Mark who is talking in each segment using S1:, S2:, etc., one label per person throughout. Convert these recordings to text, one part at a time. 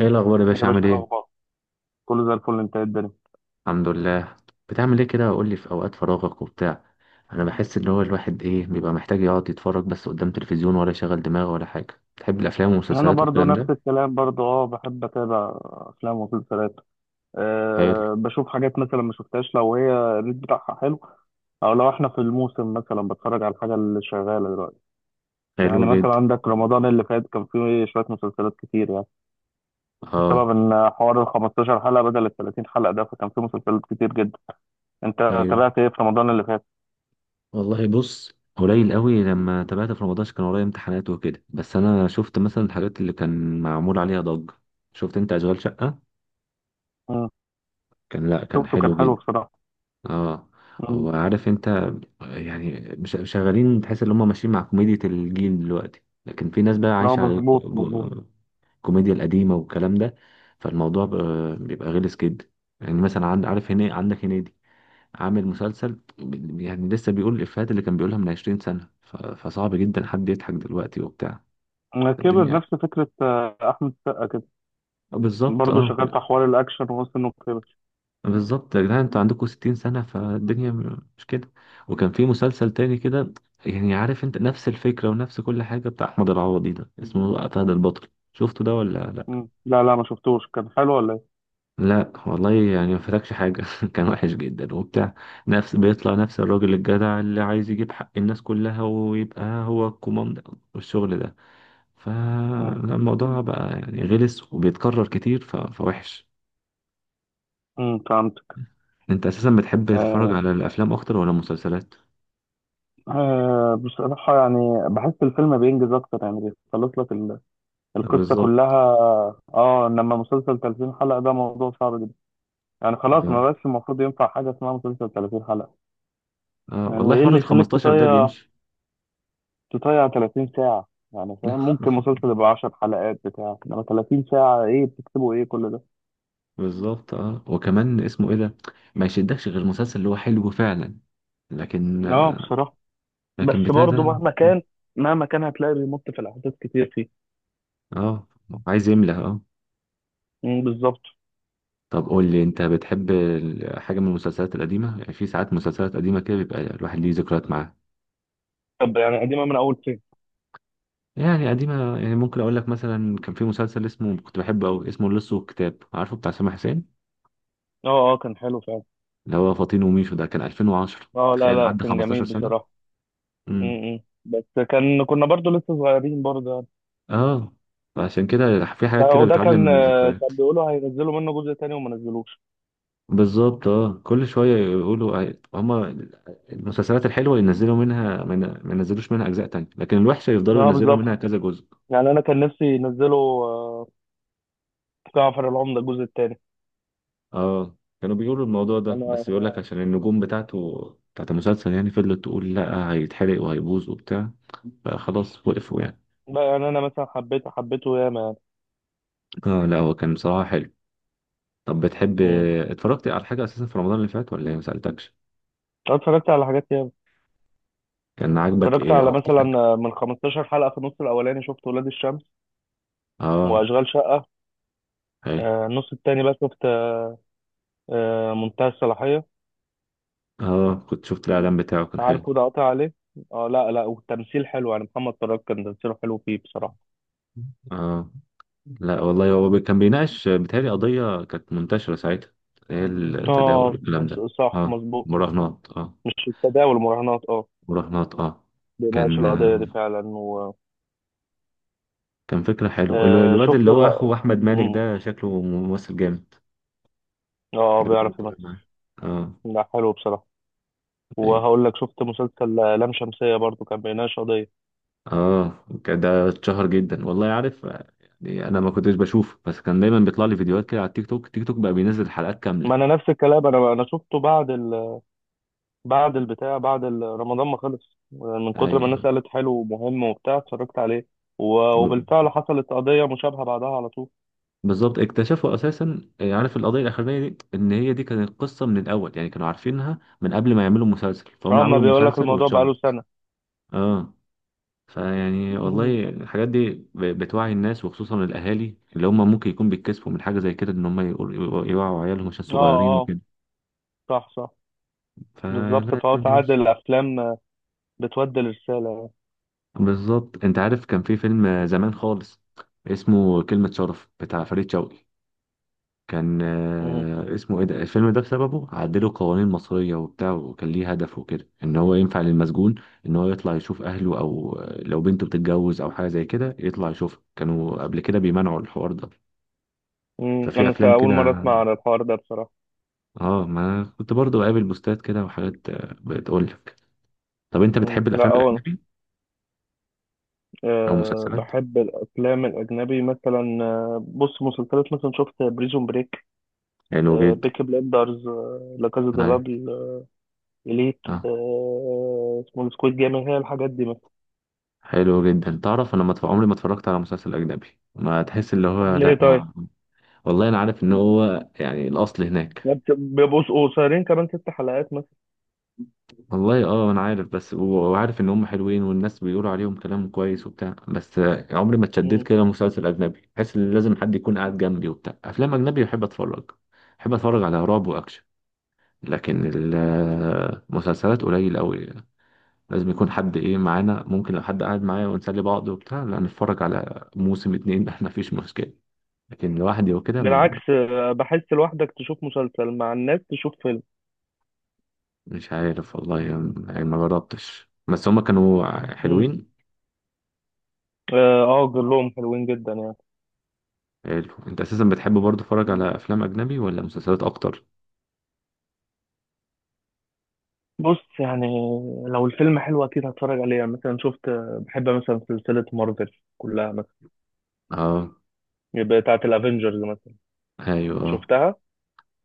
S1: ايه الاخبار يا باشا
S2: يا
S1: عامل
S2: باشا،
S1: ايه؟
S2: الأخبار كله زي الفل. انت ايه الدنيا؟
S1: الحمد لله. بتعمل ايه كده؟ قول لي في اوقات فراغك وبتاع، انا بحس ان هو الواحد ايه بيبقى محتاج يقعد يتفرج بس قدام تلفزيون ولا يشغل دماغه ولا حاجه. تحب الافلام
S2: أنا
S1: والمسلسلات
S2: برضو
S1: والكلام ده؟
S2: نفس الكلام برضو، بحب أتابع أفلام ومسلسلات.
S1: حلو.
S2: أه بشوف حاجات مثلا ما شفتهاش لو هي الريت بتاعها حلو، أو لو احنا في الموسم مثلا بتفرج على الحاجة اللي شغالة دلوقتي. يعني
S1: حلو
S2: مثلا
S1: جدا.
S2: عندك رمضان اللي فات كان فيه شوية مسلسلات كتير يعني،
S1: اه.
S2: بسبب إن حوار ال 15 حلقة بدل ال 30 حلقة ده، فكان فيه مسلسلات كتير جدا. أنت
S1: ايوه.
S2: تابعت ايه في رمضان اللي فات؟
S1: والله بص، قليل قوي لما تابعت في رمضان عشان كان ورايا امتحانات وكده، بس انا شفت مثلا الحاجات اللي كان معمول عليها ضجه. شفت انت اشغال شقه؟
S2: مم.
S1: كان، لا كان
S2: شفته كان
S1: حلو
S2: حلو
S1: جدا.
S2: بصراحة.
S1: اه.
S2: مم.
S1: هو عارف انت يعني شغالين، تحس ان هم ماشيين مع كوميديا الجيل دلوقتي، لكن في ناس بقى
S2: اه،
S1: عايشة على
S2: مظبوط مظبوط.
S1: الكوميديا القديمة والكلام ده. بيبقى غلس جدا. يعني مثلا عند، عارف هنا عندك هنيدي، عامل مسلسل يعني لسه بيقول الإفيهات اللي كان بيقولها من 20 سنة، فصعب جدا حد يضحك دلوقتي وبتاع
S2: كبر
S1: الدنيا.
S2: نفس فكرة، أحمد السقا كده،
S1: آه، بالظبط.
S2: برضه
S1: اه
S2: شغال في حوار الأكشن ووصل إنه كبر.
S1: بالظبط يا جدعان، انتوا عندكم 60 سنة، فالدنيا مش كده. وكان في مسلسل تاني كده يعني، عارف انت، نفس الفكرة ونفس كل حاجة، بتاع أحمد العوضي ده، اسمه فهد البطل. شفته ده ولا لا؟
S2: مم. لا لا، ما شفتوش. كان حلو ولا إيه؟
S1: لا والله، يعني ما فاتكش حاجة. كان وحش جدا وبتاع. نفس، بيطلع نفس الراجل الجدع اللي عايز يجيب حق الناس كلها ويبقى هو الكوماندو والشغل ده.
S2: مم.
S1: فالموضوع بقى يعني غلس وبيتكرر كتير، فوحش.
S2: فهمتك.
S1: انت اساسا بتحب تتفرج
S2: آه
S1: على الافلام اكتر ولا المسلسلات؟
S2: آه، بصراحة يعني بحس الفيلم بينجز أكتر يعني، بيخلص لك القصة كلها.
S1: بالظبط.
S2: آه، إنما مسلسل 30 حلقة ده موضوع صعب جدا. يعني خلاص ما
S1: اه.
S2: بقاش المفروض ينفع حاجة اسمها مسلسل 30 حلقة.
S1: اه
S2: يعني
S1: والله
S2: إيه
S1: حوار
S2: اللي
S1: ال
S2: يخليك
S1: 15 ده
S2: تضيع
S1: بيمشي.
S2: تضيع 30 ساعة؟ يعني فاهم، ممكن مسلسل يبقى 10 حلقات بتاع، إنما 30 ساعة إيه بتكتبوا إيه كل ده؟
S1: بالظبط. اه وكمان اسمه ايه ده، ما يشدكش غير مسلسل اللي هو حلو فعلا. لكن
S2: اه
S1: آه،
S2: بصراحة.
S1: لكن
S2: بس
S1: بتاع
S2: برضه
S1: ده.
S2: مهما كان، مهما كان هتلاقي بيمط في الأحداث كتير فيه.
S1: اه عايز يملى. اه.
S2: بالظبط.
S1: طب قول لي انت، بتحب حاجه من المسلسلات القديمه؟ يعني في ساعات مسلسلات قديمه كده بيبقى الواحد ليه ذكريات معاها.
S2: طب يعني قديمة من أول فين؟
S1: يعني قديمه، يعني ممكن اقول لك مثلا كان في مسلسل اسمه، كنت بحبه قوي، اسمه اللص والكتاب، عارفه، بتاع سامح حسين،
S2: اه اه، كان حلو فعلا.
S1: اللي هو فاطين وميشو ده، كان 2010،
S2: اه، لا
S1: تخيل
S2: لا،
S1: عدى
S2: كان جميل
S1: 15 سنه.
S2: بصراحة.
S1: مم.
S2: بس، كنا برضه لسه صغيرين برضه يعني.
S1: اه. عشان كده في حاجات كده
S2: وده
S1: بتعلم
S2: كان
S1: من
S2: آه،
S1: الذكريات.
S2: كان بيقولوا هينزلوا منه جزء تاني وما نزلوش.
S1: بالظبط. اه كل شويه يقولوا آه، هما المسلسلات الحلوه ينزلوا منها، ما ينزلوش منها اجزاء تانية، لكن الوحشه يفضلوا
S2: اه
S1: ينزلوا
S2: بالظبط.
S1: منها كذا جزء.
S2: يعني أنا كان نفسي ينزلوا جعفر العمدة الجزء التاني.
S1: اه كانوا بيقولوا الموضوع ده،
S2: أنا
S1: بس يقول لك عشان النجوم بتاعته، بتاعت المسلسل، يعني فضلت تقول لا هيتحرق وهيبوظ وبتاع، فخلاص وقفوا يعني.
S2: لا يعني أنا مثلا حبيته حبيته ياما يعني.
S1: اه لا، هو كان بصراحه حلو. طب بتحب،
S2: مم.
S1: اتفرجت على حاجه اساسا في رمضان اللي فات ولا إيه؟ ما سالتكش.
S2: أنا اتفرجت على حاجات ياما.
S1: كان عاجبك
S2: اتفرجت
S1: ايه
S2: على
S1: اكتر
S2: مثلا
S1: حاجه؟
S2: من 15 حلقة في النص الأولاني شفت ولاد الشمس
S1: اه.
S2: وأشغال شقة.
S1: حلو.
S2: النص التاني بقى شفت منتهى الصلاحية.
S1: اه كنت شفت الاعلان بتاعه كان حلو.
S2: عارفه ده قاطع عليه. اه لا لا، والتمثيل حلو، يعني محمد فراج كان تمثيله حلو فيه بصراحة.
S1: اه لا والله، هو كان بيناقش آه، بيتهيألي قضية كانت منتشرة ساعتها، هي التداول
S2: اه،
S1: والكلام ده.
S2: صح
S1: اه
S2: مظبوط.
S1: مراهنات اه.
S2: مش التداول، المراهنات اه.
S1: مراهنات اه.
S2: بيناقش
S1: كان
S2: القضية دي
S1: آه،
S2: فعلا و.
S1: كان فكرة حلوة. الواد
S2: شفت
S1: اللي هو
S2: بقى
S1: أخو أحمد مالك ده شكله ممثل جامد.
S2: اه
S1: لو كان
S2: بيعرف
S1: طالع
S2: يمثل.
S1: معاه. اه.
S2: لا حلو بصراحة.
S1: أيوه.
S2: وهقول لك شفت مسلسل لام شمسية برضو، كان بيناقش قضية.
S1: اه كان ده اتشهر جدا، والله عارف آه، يعني أنا ما كنتش بشوفه، بس كان دايما بيطلع لي فيديوهات كده على التيك توك. التيك توك بقى بينزل حلقات كاملة.
S2: ما انا نفس الكلام، انا شفته بعد بعد البتاع، بعد رمضان ما خلص، من كتر ما الناس
S1: أيوه.
S2: قالت حلو ومهم وبتاع، اتفرجت عليه. وبالفعل حصلت قضية مشابهة بعدها على طول.
S1: بالظبط. اكتشفوا اساسا آه، عارف القضيه الاخرانيه دي ان هي دي كانت قصه من الاول، يعني كانوا عارفينها من قبل ما يعملوا مسلسل، فهم
S2: اما
S1: عملوا
S2: بيقول لك
S1: مسلسل
S2: الموضوع بقاله
S1: واتشهرت.
S2: سنة.
S1: اه. فيعني والله الحاجات دي بتوعي الناس، وخصوصا الاهالي اللي هم ممكن يكون بيتكسفوا من حاجه زي كده، ان هم يوعوا عيالهم عشان
S2: اه
S1: صغيرين
S2: اه،
S1: وكده.
S2: صح صح.
S1: فلا،
S2: بالظبط، فهو
S1: الدنيا
S2: ساعات
S1: مش.
S2: الافلام بتودي الرسالة.
S1: بالظبط. انت عارف كان في فيلم زمان خالص اسمه كلمه شرف، بتاع فريد شوقي، كان
S2: مم.
S1: آه، اسمه ايه ده، الفيلم ده بسببه عدلوا قوانين مصرية وبتاع، وكان ليه هدف وكده، ان هو ينفع للمسجون ان هو يطلع يشوف اهله، او آه، لو بنته بتتجوز او حاجة زي كده يطلع يشوفها، كانوا قبل كده بيمنعوا الحوار ده.
S2: مم.
S1: ففي
S2: انا
S1: افلام
S2: اول
S1: كده.
S2: مرة اسمع عن الحوار ده بصراحة.
S1: اه ما كنت برضو بقابل بوستات كده وحاجات آه، بتقول لك. طب انت
S2: مم.
S1: بتحب
S2: لا،
S1: الافلام الاجنبي او
S2: أه
S1: مسلسلات؟
S2: بحب الافلام الاجنبي، مثلا بص مسلسلات مثلا شفت بريزون بريك.
S1: حلو
S2: أه
S1: جدا.
S2: بيكي بليندرز، أه لا، كازا دي
S1: أيوة.
S2: بابل، إليت،
S1: اه
S2: اسمه إيه، سكويد جيم. هي الحاجات دي مثلا.
S1: حلو جدا. تعرف انا ما اتف- عمري ما اتفرجت على مسلسل اجنبي. ما تحس اللي
S2: طب
S1: هو
S2: ليه
S1: لا
S2: طيب؟
S1: ما. والله انا عارف ان هو يعني الاصل هناك.
S2: يعني بيبقوا قصيرين كمان ست حلقات مثلا.
S1: والله اه انا عارف بس، وعارف ان هم حلوين والناس بيقولوا عليهم كلام كويس وبتاع، بس آه، عمري ما اتشددت
S2: مم.
S1: كده. مسلسل اجنبي بحس ان لازم حد يكون قاعد جنبي وبتاع. افلام اجنبي بحب اتفرج. بحب اتفرج على رعب واكشن، لكن المسلسلات قليل قوي. لازم يكون حد ايه معانا. ممكن لو حد قاعد معايا ونسلي بعض وبتاع، لا نتفرج على موسم 2. ما فيش مشكلة، لكن لوحدي وكده ما.
S2: بالعكس، بحس لوحدك تشوف مسلسل، مع الناس تشوف فيلم.
S1: مش عارف والله، يعني ما جربتش، بس هما كانوا
S2: مم.
S1: حلوين.
S2: اه، كلهم حلوين جدا يعني.
S1: حلو. انت اساسا بتحب برضه تتفرج على افلام اجنبي ولا مسلسلات اكتر؟
S2: بص يعني، لو الفيلم حلو اكيد هتفرج عليه. يعني مثلا شفت آه، بحب مثلا سلسلة مارفل كلها مثلا،
S1: اه.
S2: يبقى بتاعت الافينجرز مثلا.
S1: ايوه اه.
S2: شفتها،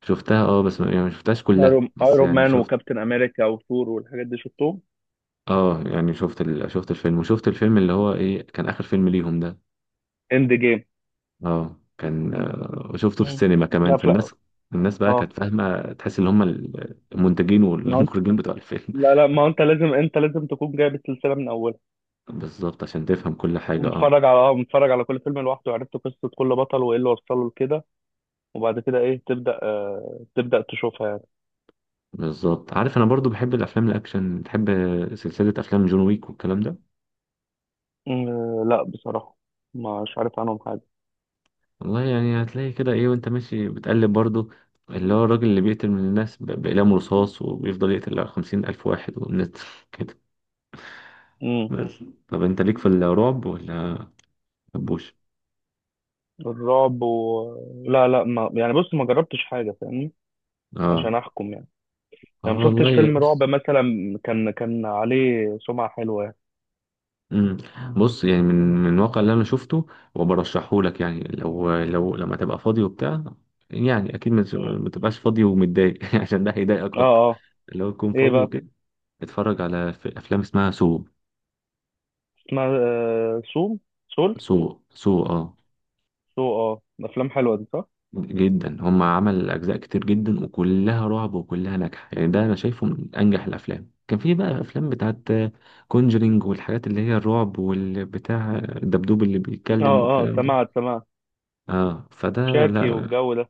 S1: شفتها اه، بس ما، يعني ما شفتهاش كلها،
S2: ايرون
S1: بس
S2: ايرون
S1: يعني
S2: مان
S1: شفت.
S2: وكابتن امريكا وثور والحاجات دي شفتهم.
S1: اه يعني شفت ال... شفت الفيلم، وشفت الفيلم اللي هو ايه، كان اخر فيلم ليهم ده.
S2: اند جيم.
S1: اه كان آه، وشفته في
S2: مم.
S1: السينما كمان.
S2: لا لا.
S1: فالناس، الناس بقى كانت
S2: اه
S1: فاهمة، تحس ان هما المنتجين والمخرجين بتوع الفيلم.
S2: لا لا، ما هو انت لازم تكون جايب السلسله من اولها،
S1: بالظبط عشان تفهم كل حاجة. اه.
S2: ومتفرج على اه متفرج على كل فيلم لوحده، وعرفت قصه كل بطل وايه اللي وصله لكده، وبعد كده ايه تبدا تشوفها يعني.
S1: بالظبط. عارف انا برضو بحب الافلام الاكشن، بحب سلسله افلام جون ويك والكلام ده.
S2: لا بصراحه مش عارف عنهم حاجه.
S1: والله يعني هتلاقي كده ايه وانت ماشي بتقلب برضو، اللي هو الراجل اللي بيقتل من الناس باقلام رصاص، وبيفضل يقتل 50 ألف واحد والناس كده.
S2: امم.
S1: بس طب انت ليك في الرعب ولا مبوش؟
S2: الرعب لا لا، ما يعني، بص، ما جربتش حاجه فاهمني
S1: اه.
S2: عشان احكم يعني.
S1: اه
S2: يعني ما شفتش
S1: والله.
S2: فيلم رعب مثلا كان عليه سمعه حلوه يعني.
S1: امم بص يعني، من الواقع اللي انا شفته وبرشحه لك، يعني لو لما تبقى فاضي وبتاع، يعني اكيد
S2: مم.
S1: ما تبقاش فاضي ومتضايق عشان ده هيضايقك
S2: اه
S1: اكتر.
S2: اه.
S1: لو تكون
S2: ايه
S1: فاضي
S2: بقى؟
S1: وكده اتفرج على افلام اسمها سو.
S2: اسمها سوم، سول،
S1: سو سو اه،
S2: سو، افلام حلوه دي صح.
S1: جدا. هم عمل اجزاء كتير جدا وكلها رعب وكلها ناجحه، يعني ده انا شايفه من انجح الافلام. كان في بقى افلام بتاعت كونجرينج، والحاجات اللي هي الرعب والبتاع الدبدوب اللي
S2: اه
S1: بيتكلم
S2: اه،
S1: والكلام ده.
S2: سمعت سمعت.
S1: اه. فده
S2: شاكي
S1: لا.
S2: والجو ده.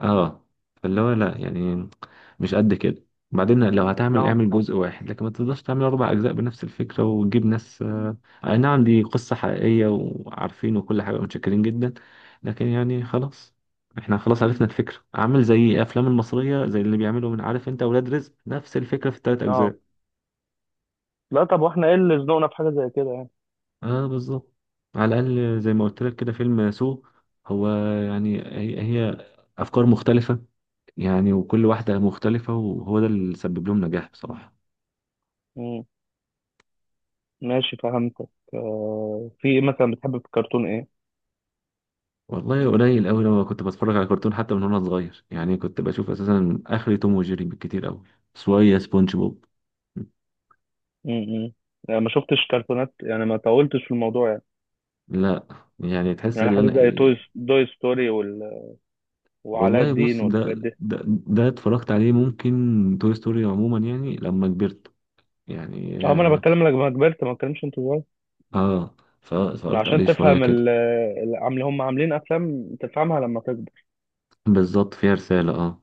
S1: اه فاللي هو لا يعني مش قد كده. بعدين لو هتعمل
S2: اه
S1: اعمل جزء واحد، لكن ما تقدرش تعمل 4 أجزاء بنفس الفكره وتجيب ناس آه، اي نعم دي قصه حقيقيه وعارفين وكل حاجه، متشكرين جدا. لكن يعني خلاص، احنا خلاص عرفنا الفكره. عامل زي الافلام المصريه، زي اللي بيعملوا من، عارف انت، اولاد رزق نفس الفكره في الثلاث
S2: اه.
S1: اجزاء
S2: لا طب، واحنا ايه اللي زنقنا في حاجه زي كده يعني.
S1: اه. بالظبط. على الاقل زي ما قلت لك كده، فيلم سو، هو يعني، هي افكار مختلفه، يعني وكل واحدة مختلفة، وهو ده اللي سبب لهم نجاح بصراحة.
S2: مم. ماشي فهمتك. في ايه مثلا بتحب في الكرتون، ايه؟
S1: والله قليل قوي لما كنت بتفرج على كرتون، حتى من وانا صغير يعني، كنت بشوف اساسا اخري توم وجيري بالكتير قوي، شوية سبونج بوب.
S2: مم. يعني ما شفتش كرتونات، يعني ما طولتش في الموضوع يعني.
S1: لا يعني، تحس
S2: يعني
S1: ان
S2: حاجه
S1: انا
S2: زي توي
S1: إيه.
S2: دوي ستوري وعلاء
S1: والله
S2: الدين
S1: بص ده،
S2: والحاجات دي.
S1: اتفرجت عليه، ممكن توي ستوري عموما يعني لما كبرت. يعني
S2: اه ما انا
S1: اه.
S2: بتكلم لك لما كبرت، ما بتكلمش انت صغير،
S1: آه، فاتفرجت
S2: عشان
S1: عليه شوية
S2: تفهم
S1: كده.
S2: هم عاملين افلام تفهمها لما تكبر.
S1: بالظبط فيها رسالة اه.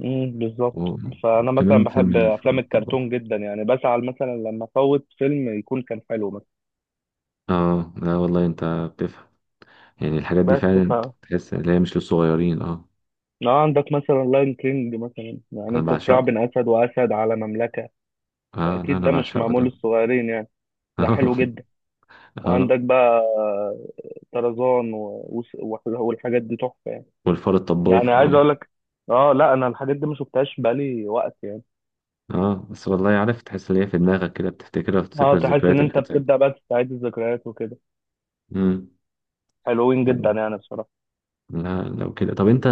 S2: بالظبط.
S1: و-
S2: فانا
S1: وكمان
S2: مثلا
S1: فيلم
S2: بحب
S1: الفار
S2: افلام
S1: الطباخ.
S2: الكرتون جدا، يعني بزعل مثلا لما افوت فيلم يكون كان حلو مثلا.
S1: اه لا والله انت بتفهم، يعني الحاجات دي
S2: بس
S1: فعلا تحس ان هي مش للصغيرين اه.
S2: لو عندك مثلا لاين كينج مثلا، يعني
S1: انا
S2: انت صراع
S1: بعشقه.
S2: بين اسد واسد على مملكه،
S1: اه لا
S2: فاكيد
S1: انا
S2: ده مش
S1: بعشقه
S2: معمول
S1: ده.
S2: للصغيرين يعني، ده
S1: اه.
S2: حلو جدا.
S1: اه
S2: وعندك بقى طرزان، والحاجات دي تحفه يعني.
S1: والفار
S2: يعني
S1: الطباخ اه.
S2: عايز اقول لك، اه لا، انا الحاجات دي ما شفتهاش بقالي وقت يعني.
S1: اه بس والله عارف، تحس ان هي في دماغك كده بتفتكرها
S2: اه،
S1: وتفتكر
S2: تحس
S1: الذكريات
S2: ان
S1: اللي
S2: انت
S1: كانت
S2: بتبدا
S1: ساعتها.
S2: بقى تستعيد الذكريات وكده.
S1: امم.
S2: حلوين
S1: خلاص.
S2: جدا يعني بصراحه.
S1: لا لو كده طب انت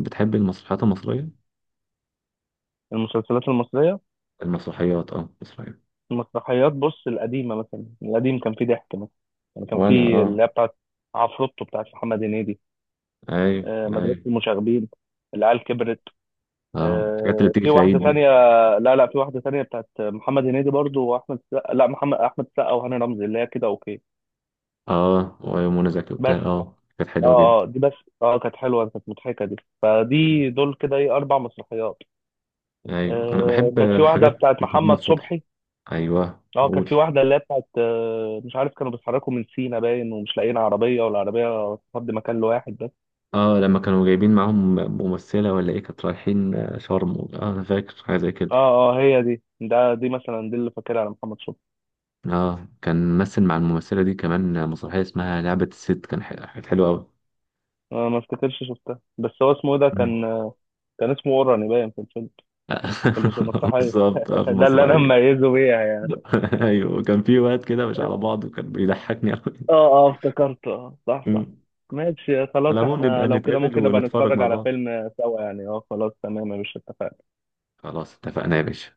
S1: بتحب المسرحيات المصرية؟
S2: المسلسلات المصريه؟
S1: المسرحيات، اه المصرية.
S2: المسرحيات بص، القديمة مثلا القديم كان فيه ضحك مثلا، يعني كان
S1: وانا
S2: فيه اللي
S1: اه.
S2: هي بتاعت عفروتو بتاعت محمد هنيدي،
S1: ايوه
S2: مدرسة
S1: ايوه.
S2: المشاغبين، العيال كبرت،
S1: اه الحاجات اللي بتيجي
S2: في
S1: في
S2: واحدة
S1: العيد دي.
S2: تانية. لا لا، في واحدة تانية بتاعت محمد هنيدي برضو وأحمد السقا، لا محمد، أحمد السقا وهاني رمزي، اللي هي كده أوكي
S1: اه ومنى زكي وبتاع،
S2: بس.
S1: اه كانت
S2: اه،
S1: حلوة جدا.
S2: دي بس. اه، كانت حلوة، كانت مضحكة دي. فدي دول كده ايه، أربع مسرحيات.
S1: ايوه انا بحب
S2: كانت في واحدة
S1: حاجات
S2: بتاعت
S1: بتاعت محمد
S2: محمد
S1: صبحي.
S2: صبحي.
S1: ايوه
S2: اه، كانت
S1: قول.
S2: في واحدة اللي هي بتاعت مش عارف، كانوا بيتحركوا من سينا باين، ومش لاقيين عربية، والعربية تفضي مكان لواحد بس.
S1: اه لما كانوا جايبين معاهم ممثله ولا ايه، كانت رايحين آه، شرم اه، انا فاكر حاجه زي كده.
S2: اه اه، هي دي، ده دي مثلا، دي اللي فاكرها على محمد شكري.
S1: اه كان ممثل مع الممثله دي كمان مسرحيه اسمها لعبه الست، كان كانت حلوه قوي.
S2: ما افتكرش شفتها، بس هو اسمه إيه ده كان؟ كان اسمه اوراني باين في الفيلم، في المسرحية.
S1: بالظبط اه في
S2: ده اللي انا
S1: المسرحيه.
S2: مميزه بيها يعني.
S1: ايوه كان في وقت كده مش على بعض، وكان بيضحكني قوي.
S2: اه اه، افتكرت، اه صح صح. ماشي خلاص،
S1: على العموم
S2: احنا
S1: نبقى
S2: لو كده
S1: نتقابل
S2: ممكن نبقى
S1: ونتفرج
S2: نتفرج
S1: مع
S2: على
S1: بعض.
S2: فيلم سوا يعني. اه خلاص تمام يا باشا، اتفقنا.
S1: خلاص اتفقنا يا باشا.